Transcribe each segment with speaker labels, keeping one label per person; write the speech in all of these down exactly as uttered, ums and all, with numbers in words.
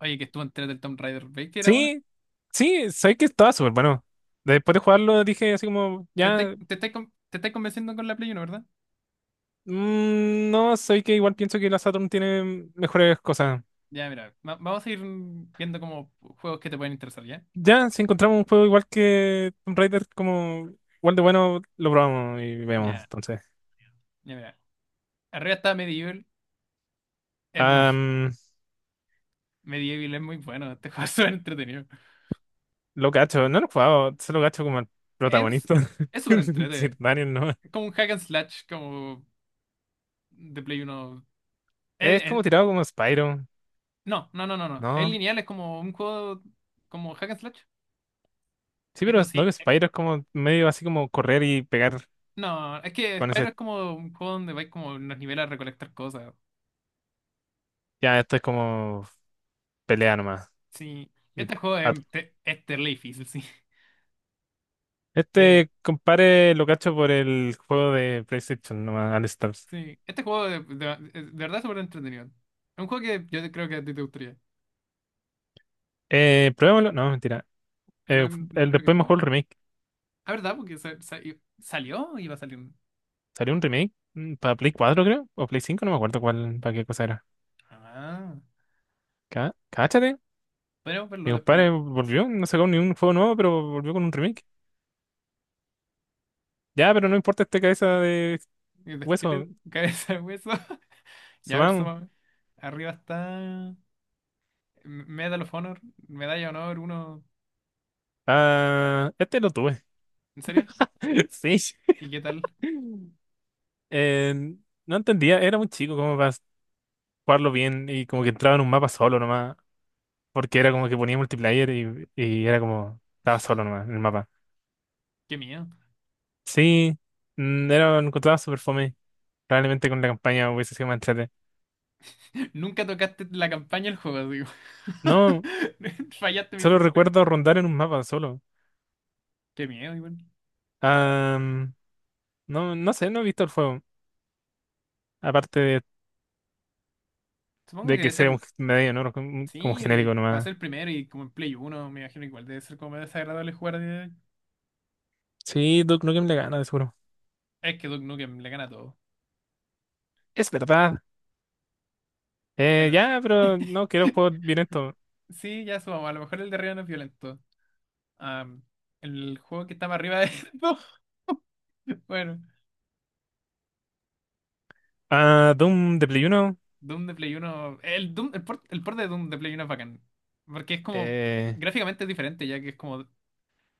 Speaker 1: Oye, que estuvo entera del Tomb Raider. ¿Veis que era bueno?
Speaker 2: Sí, sí, sabes que estaba súper bueno. Después de jugarlo dije así como,
Speaker 1: Te estáis
Speaker 2: ya,
Speaker 1: te estáis con- te estáis convenciendo con la Play Uno, ¿verdad?
Speaker 2: mm, no, sé que igual pienso que la Saturn tiene mejores cosas.
Speaker 1: Ya, mira. Va- vamos a ir mm, viendo como juegos que te pueden interesar, ¿ya?
Speaker 2: Ya, si encontramos un juego igual que Tomb Raider, como igual de bueno, lo probamos y vemos,
Speaker 1: Ya,
Speaker 2: entonces.
Speaker 1: ya, mira. Arriba está Medieval. Es muy-
Speaker 2: Am,
Speaker 1: Medieval es muy bueno. Este juego es súper entretenido.
Speaker 2: lo cacho, no lo he jugado, solo cacho como el
Speaker 1: Es,
Speaker 2: protagonista.
Speaker 1: es súper entretenido.
Speaker 2: Sir Daniel, ¿no?
Speaker 1: Como un hack and slash, como de Play Uno. Es-
Speaker 2: Es
Speaker 1: es-
Speaker 2: como tirado como Spyro,
Speaker 1: no, no, no, no, no. Es
Speaker 2: ¿no?
Speaker 1: lineal, es como un juego como hack and slash.
Speaker 2: Sí, pero
Speaker 1: Eso
Speaker 2: es- no
Speaker 1: sí.
Speaker 2: que
Speaker 1: eh,
Speaker 2: Spyro es como medio así como correr y pegar
Speaker 1: No, es que
Speaker 2: con
Speaker 1: Spyro
Speaker 2: ese.
Speaker 1: es como un juego donde vais como en los niveles a recolectar cosas.
Speaker 2: Ya, esto es como pelea nomás.
Speaker 1: Sí,
Speaker 2: Y-
Speaker 1: este juego
Speaker 2: ah,
Speaker 1: es, te- es terrible difícil, sí. Eh,
Speaker 2: Este compare lo cacho por el juego de PlayStation, nomás, All Stars.
Speaker 1: sí, este juego de, de- de verdad es súper entretenido. Es un juego que yo creo que a ti te gustaría.
Speaker 2: Eh, pruébalo, no, mentira. Eh,
Speaker 1: ¿No, no
Speaker 2: fu- el, después
Speaker 1: queréis
Speaker 2: me jugó
Speaker 1: probar?
Speaker 2: el remake.
Speaker 1: Ah, ¿verdad? Porque sa- sa- i- salió iba a salir. un-
Speaker 2: Salió un remake mm, para Play cuatro creo, o Play cinco no me acuerdo cuál, para qué cosa era.
Speaker 1: Ah,
Speaker 2: Cá Cáchate,
Speaker 1: podemos verlo
Speaker 2: mi
Speaker 1: después.
Speaker 2: compadre volvió, no sacó ni un juego nuevo, pero volvió con un remake. Ya, pero no importa este cabeza de
Speaker 1: El
Speaker 2: hueso,
Speaker 1: esqueleto, cabeza de hueso. Ya, a ver,
Speaker 2: subamos.
Speaker 1: súmame. Arriba está Medal of Honor, Medalla de Honor uno.
Speaker 2: Ah, este lo tuve,
Speaker 1: ¿En serio?
Speaker 2: sí.
Speaker 1: ¿Y qué tal?
Speaker 2: Eh, no entendía, era muy chico como para jugarlo bien y como que entraba en un mapa solo nomás. Porque era como que ponía multiplayer y, y era como, estaba solo nomás en el mapa.
Speaker 1: Qué miedo.
Speaker 2: Sí, mm, era, lo encontraba súper fome. Probablemente con la campaña hubiese sido más entrete.
Speaker 1: Nunca tocaste la campaña del juego, digo.
Speaker 2: No,
Speaker 1: Fallaste
Speaker 2: solo recuerdo
Speaker 1: miserablemente.
Speaker 2: rondar en un mapa solo.
Speaker 1: Qué miedo, igual.
Speaker 2: Ah, no, no sé, no he visto el juego. Aparte de,
Speaker 1: Supongo
Speaker 2: de
Speaker 1: que
Speaker 2: que
Speaker 1: debe
Speaker 2: sea
Speaker 1: ser,
Speaker 2: un medio, ¿no? Como, como
Speaker 1: sí, eh,
Speaker 2: genérico
Speaker 1: para
Speaker 2: nomás.
Speaker 1: ser primero y como en Play uno me imagino que igual debe ser como más desagradable jugar. de-
Speaker 2: Sí, Duke Nukem le gana, de seguro.
Speaker 1: Es que Duke Nukem le gana todo.
Speaker 2: Es verdad. Eh,
Speaker 1: Bueno,
Speaker 2: ya, pero no quiero juegos violentos.
Speaker 1: sí, ya subamos. A lo mejor el de arriba no es violento. Am, el juego que está más arriba de no. Bueno,
Speaker 2: Ah, Doom de Play Uno.
Speaker 1: Doom de Play uno. El, Doom, el, port, el port de Doom de Play uno es bacán. Porque es como.
Speaker 2: eh,
Speaker 1: Gráficamente es diferente, ya que es como. De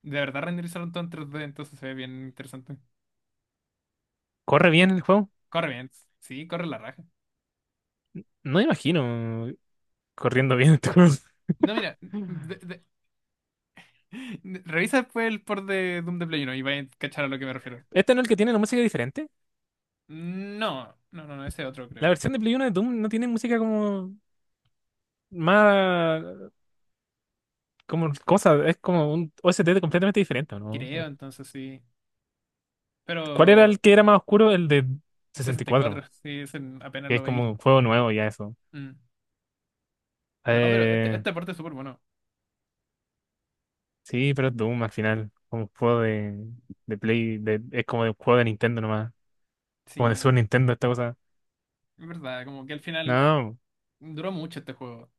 Speaker 1: verdad renderizaron todo en tres D, entonces se ve bien interesante.
Speaker 2: ¿Corre bien el juego?
Speaker 1: Corre bien, sí, corre la raja.
Speaker 2: No imagino corriendo bien este juego.
Speaker 1: No, mira, de, Revisa después el port de Doom de Play uno y vais a cachar a lo que me refiero.
Speaker 2: Este no es el que tiene la música diferente.
Speaker 1: No, no, no, no, ese otro
Speaker 2: La
Speaker 1: creo.
Speaker 2: versión de Play Uno de Doom no tiene música como más como cosa, es como un O S T completamente diferente, ¿no?
Speaker 1: Creo, entonces sí. Pero
Speaker 2: ¿Cuál era el que era más oscuro? El de sesenta y
Speaker 1: sesenta y cuatro,
Speaker 2: cuatro,
Speaker 1: sí, ese apenas
Speaker 2: que
Speaker 1: lo
Speaker 2: es
Speaker 1: veí.
Speaker 2: como un juego nuevo ya eso.
Speaker 1: Mm. No, pero este,
Speaker 2: Eh,
Speaker 1: este port es súper bueno.
Speaker 2: sí, pero es Doom al final, como un juego de, de Play, de, es como de un juego de Nintendo nomás, como de
Speaker 1: Sí,
Speaker 2: Super Nintendo esta cosa.
Speaker 1: es verdad, como que al final
Speaker 2: No,
Speaker 1: duró mucho este juego.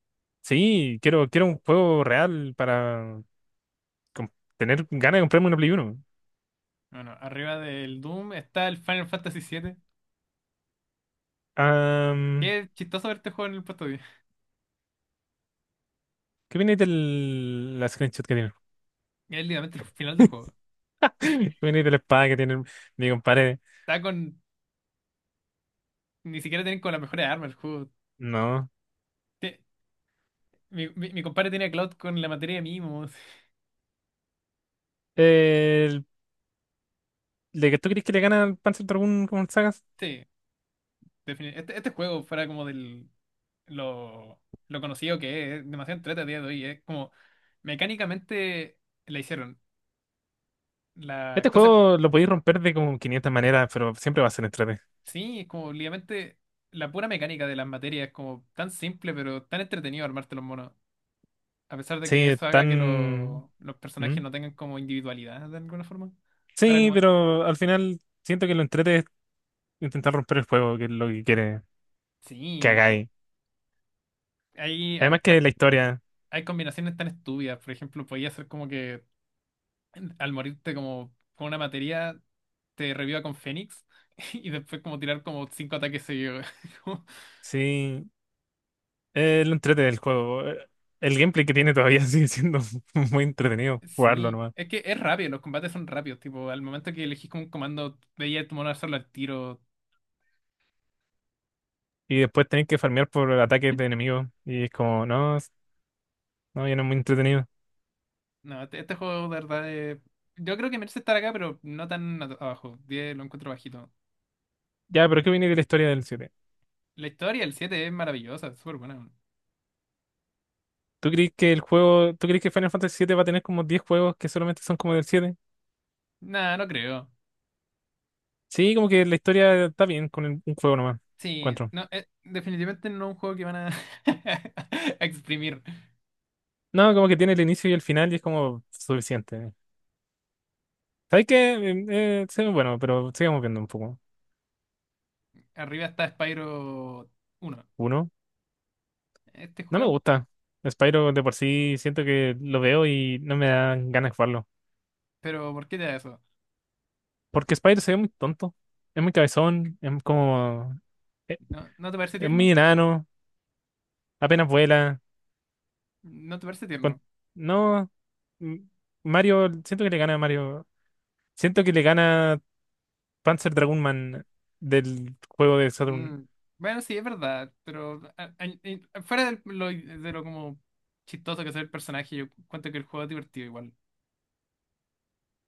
Speaker 2: sí, quiero, quiero un juego real para com- tener ganas de comprarme una Play Uno.
Speaker 1: Bueno, arriba del Doom está el Final Fantasy siete. Qué chistoso ver este juego en el puesto diez.
Speaker 2: ¿Qué viene del la screenshot que tienen?
Speaker 1: Es literalmente el final del juego.
Speaker 2: ¿Qué viene de la espada que tienen mi compadre?
Speaker 1: Está con... Ni siquiera tienen con las mejores armas el juego.
Speaker 2: No.
Speaker 1: Te- Mi, mi, mi compadre tiene a Cloud con la materia de mimos.
Speaker 2: El, ¿de que tú crees que le gana al Panzer Dragoon con sagas?
Speaker 1: Sí, defini- Este, este juego fuera como del lo, lo conocido que es, es demasiado entrete a día de hoy, es como mecánicamente la hicieron. La
Speaker 2: Este
Speaker 1: cosa,
Speaker 2: juego lo podéis romper de como quinientas maneras, pero siempre va a ser entrete.
Speaker 1: sí, es como literalmente la pura mecánica de las materias, es como tan simple pero tan entretenido armarte los monos. A pesar de
Speaker 2: Sí,
Speaker 1: que
Speaker 2: es
Speaker 1: eso haga que
Speaker 2: tan...
Speaker 1: lo- los
Speaker 2: ¿Mm?
Speaker 1: personajes no tengan como individualidad de alguna forma. Fuera
Speaker 2: Sí,
Speaker 1: como,
Speaker 2: pero al final siento que lo entrete es intentar romper el juego, que es lo que quiere que
Speaker 1: sí, como-
Speaker 2: hagáis.
Speaker 1: hay,
Speaker 2: Además
Speaker 1: harta-
Speaker 2: que la historia,
Speaker 1: hay combinaciones tan estúpidas, por ejemplo, podía ser como que al morirte como con una materia, te reviva con Fénix y después como tirar como cinco ataques seguidos. Como-
Speaker 2: sí, es lo entrete del juego. Eh, El gameplay que tiene todavía sigue siendo muy entretenido jugarlo
Speaker 1: Sí,
Speaker 2: nomás.
Speaker 1: es que es rápido, los combates son rápidos, tipo, al momento que elegís como un comando, veía a tu mono hacerlo al tiro.
Speaker 2: Y después tenés que farmear por ataques de enemigos. Y es como, no, s- no, ya no es muy entretenido.
Speaker 1: No, este, este juego de verdad es- yo creo que merece estar acá, pero no tan a- abajo. Diez lo encuentro bajito.
Speaker 2: Ya, pero ¿qué viene de la historia del siete?
Speaker 1: La historia el siete es maravillosa, es súper buena.
Speaker 2: ¿Tú crees que el juego, tú crees que Final Fantasy siete va a tener como diez juegos que solamente son como del siete?
Speaker 1: Nah, no creo.
Speaker 2: Sí, como que la historia está bien con el- un juego nomás,
Speaker 1: Sí,
Speaker 2: encuentro.
Speaker 1: no, eh, definitivamente no es un juego que van a, a exprimir.
Speaker 2: No, como que tiene el inicio y el final y es como suficiente. ¿Sabes qué? Eh, eh, sí, bueno, pero sigamos viendo un poco.
Speaker 1: Arriba está Spyro uno.
Speaker 2: Uno,
Speaker 1: Este
Speaker 2: no me
Speaker 1: juego,
Speaker 2: gusta. Spyro de por sí siento que lo veo y no me dan ganas de jugarlo.
Speaker 1: pero ¿por qué te da eso?
Speaker 2: Porque Spyro se ve muy tonto. Es muy cabezón, es como. Es,
Speaker 1: ¿No, no te parece
Speaker 2: es muy
Speaker 1: tierno?
Speaker 2: enano, apenas vuela.
Speaker 1: ¿No te parece
Speaker 2: con-
Speaker 1: tierno?
Speaker 2: No, m- Mario, siento que le gana a Mario. Siento que le gana Panzer Dragoon Man del juego de Saturn.
Speaker 1: Mm, Bueno, sí, es verdad, pero a- a- y- fuera de lo, de lo como chistoso que es el personaje, yo cuento que el juego es divertido igual.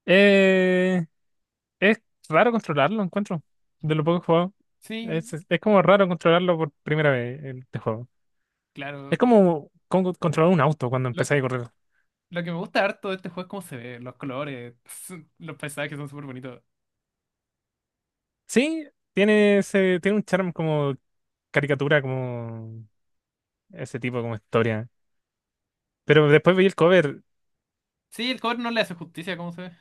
Speaker 2: Eh, es raro controlarlo, encuentro. De lo poco que he jugado.
Speaker 1: Sí,
Speaker 2: Es, es como raro controlarlo por primera vez en este juego. Es
Speaker 1: claro.
Speaker 2: como, como controlar un auto cuando
Speaker 1: Lo,
Speaker 2: empezáis a correr.
Speaker 1: lo que me gusta harto de este juego es cómo se ve, los colores, los paisajes son súper bonitos.
Speaker 2: Sí, tiene ese, tiene un charm como caricatura, como ese tipo, como historia. Pero después veí el cover.
Speaker 1: Sí, el cover no le hace justicia a cómo se ve.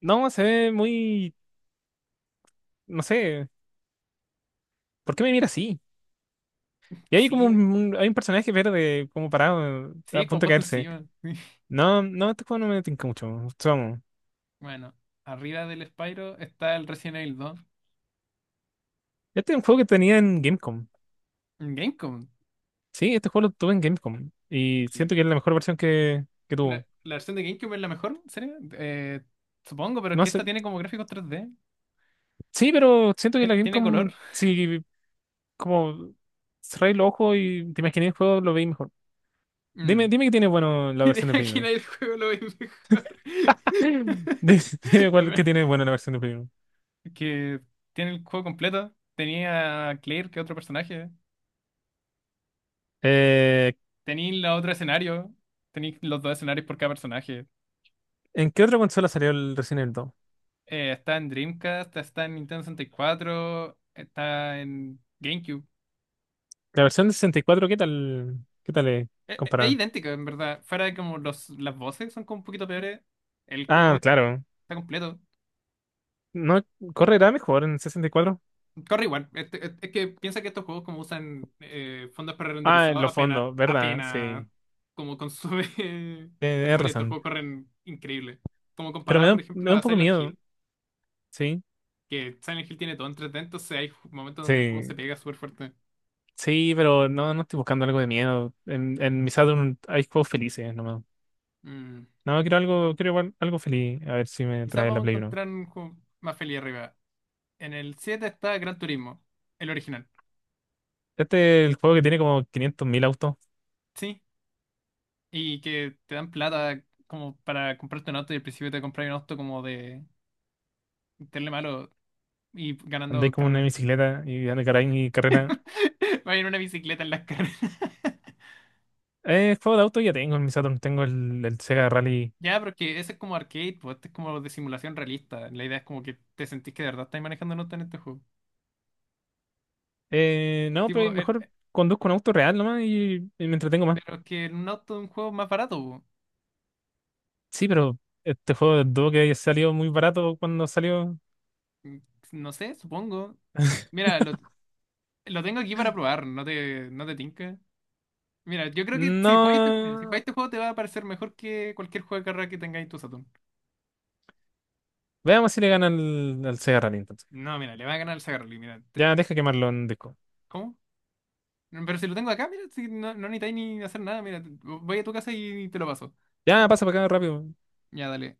Speaker 2: No, se ve muy, no sé, ¿por qué me mira así? Y hay como
Speaker 1: Sí,
Speaker 2: un, un- hay un personaje verde como parado, eh, a
Speaker 1: sí, como
Speaker 2: punto de
Speaker 1: puesto
Speaker 2: caerse.
Speaker 1: encima.
Speaker 2: No, no, este juego no me tinca mucho. Somos.
Speaker 1: Bueno, arriba del Spyro está el Resident Evil dos.
Speaker 2: Este es un juego que tenía en Gamecom.
Speaker 1: En Gamecom.
Speaker 2: Sí, este juego lo tuve en Gamecom. Y siento que es la mejor versión que, que
Speaker 1: La,
Speaker 2: tuvo.
Speaker 1: la versión de GameCube es la mejor, ¿en serio? Eh, supongo, pero es
Speaker 2: No
Speaker 1: que
Speaker 2: sé,
Speaker 1: esta tiene como gráficos tres d.
Speaker 2: sí, pero siento que
Speaker 1: Tien-
Speaker 2: la
Speaker 1: Tiene
Speaker 2: Gamecom,
Speaker 1: color.
Speaker 2: sí, como cerráis los ojos y te imaginé el juego, lo veis mejor. Dime,
Speaker 1: Mm.
Speaker 2: dime qué tiene bueno la
Speaker 1: Y de
Speaker 2: versión de Play
Speaker 1: aquí
Speaker 2: uno.
Speaker 1: nadie el juego lo ve mejor.
Speaker 2: Dime, dime
Speaker 1: Es
Speaker 2: cuál, qué
Speaker 1: ver-
Speaker 2: tiene bueno la versión de Play uno.
Speaker 1: Que tiene el juego completo. Tenía a Claire, que es otro personaje. Tenía la otro escenario. Tenía los dos escenarios por cada personaje.
Speaker 2: ¿En qué otra consola salió el Resident Evil dos?
Speaker 1: Eh, está en Dreamcast, está en Nintendo sesenta y cuatro, está en GameCube.
Speaker 2: ¿La versión de sesenta y cuatro? ¿Qué tal? ¿Qué tal es
Speaker 1: Es, es
Speaker 2: comparada?
Speaker 1: idéntica, en verdad. Fuera de como los, las voces son como un poquito peores. El juego
Speaker 2: Ah, claro.
Speaker 1: está completo.
Speaker 2: ¿No correrá mejor en sesenta y cuatro?
Speaker 1: Corre igual. Este- es es que piensa que estos juegos como usan eh, fondos
Speaker 2: Ah, en
Speaker 1: prerenderizados
Speaker 2: los
Speaker 1: apenas,
Speaker 2: fondos, ¿verdad? Sí.
Speaker 1: apenas
Speaker 2: Eh,
Speaker 1: como consume
Speaker 2: tienes
Speaker 1: memoria. Estos
Speaker 2: razón.
Speaker 1: juegos corren increíble. Como
Speaker 2: Pero me
Speaker 1: comparado,
Speaker 2: da,
Speaker 1: por
Speaker 2: un- me
Speaker 1: ejemplo,
Speaker 2: da un
Speaker 1: a
Speaker 2: poco
Speaker 1: Silent
Speaker 2: miedo,
Speaker 1: Hill,
Speaker 2: ¿sí?
Speaker 1: que Silent Hill tiene todo en tres D, entonces hay ju- momentos donde el juego se
Speaker 2: Sí.
Speaker 1: pega súper fuerte.
Speaker 2: Sí, pero no, no estoy buscando algo de miedo. En, en mi Saturn hay juegos felices, nomás.
Speaker 1: Mm.
Speaker 2: No, quiero algo, quiero igual algo feliz. A ver si me
Speaker 1: Quizás
Speaker 2: trae la
Speaker 1: vamos a
Speaker 2: Play Uno.
Speaker 1: encontrar un juego más feliz arriba. En el siete está Gran Turismo, el original.
Speaker 2: Este es el juego que tiene como quinientos mil autos.
Speaker 1: Sí. Y que te dan plata como para comprarte un auto y al principio te compras un auto como de... Meterle malo. Y
Speaker 2: Andé
Speaker 1: ganando
Speaker 2: como una
Speaker 1: carreras.
Speaker 2: bicicleta y anda caray y carrera.
Speaker 1: Va en una bicicleta en las carreras.
Speaker 2: Eh, juego de auto ya tengo en mi Saturn, tengo el, el Sega Rally.
Speaker 1: Ya, pero es que ese es como arcade, pues este es como de simulación realista. La idea es como que te sentís que de verdad estás manejando un auto en este juego.
Speaker 2: Eh, no,
Speaker 1: Tipo,
Speaker 2: pero
Speaker 1: eh,
Speaker 2: mejor
Speaker 1: eh,
Speaker 2: conduzco un auto real nomás y, y me entretengo más.
Speaker 1: pero es que un auto es un juego más barato. Po.
Speaker 2: Sí, pero este juego de Duo que salió muy barato cuando salió.
Speaker 1: Mm, No sé, supongo. Mira, lo, lo tengo aquí para probar, no te, no te tinca. Mira, yo creo que si jugáis, este- si jugáis
Speaker 2: No.
Speaker 1: este juego te va a parecer mejor que cualquier juego de carrera que tengáis en tu Saturn.
Speaker 2: Veamos si le gana al, al Sega Rally entonces.
Speaker 1: No, mira, le va a ganar el Sagarly, mira. te-
Speaker 2: Ya, deja quemarlo en disco.
Speaker 1: ¿Cómo? Pero si lo tengo acá, mira, si no, no necesitáis ni hacer nada, mira, te- voy a tu casa y te lo paso.
Speaker 2: Ya, pasa para acá rápido.
Speaker 1: Ya, dale.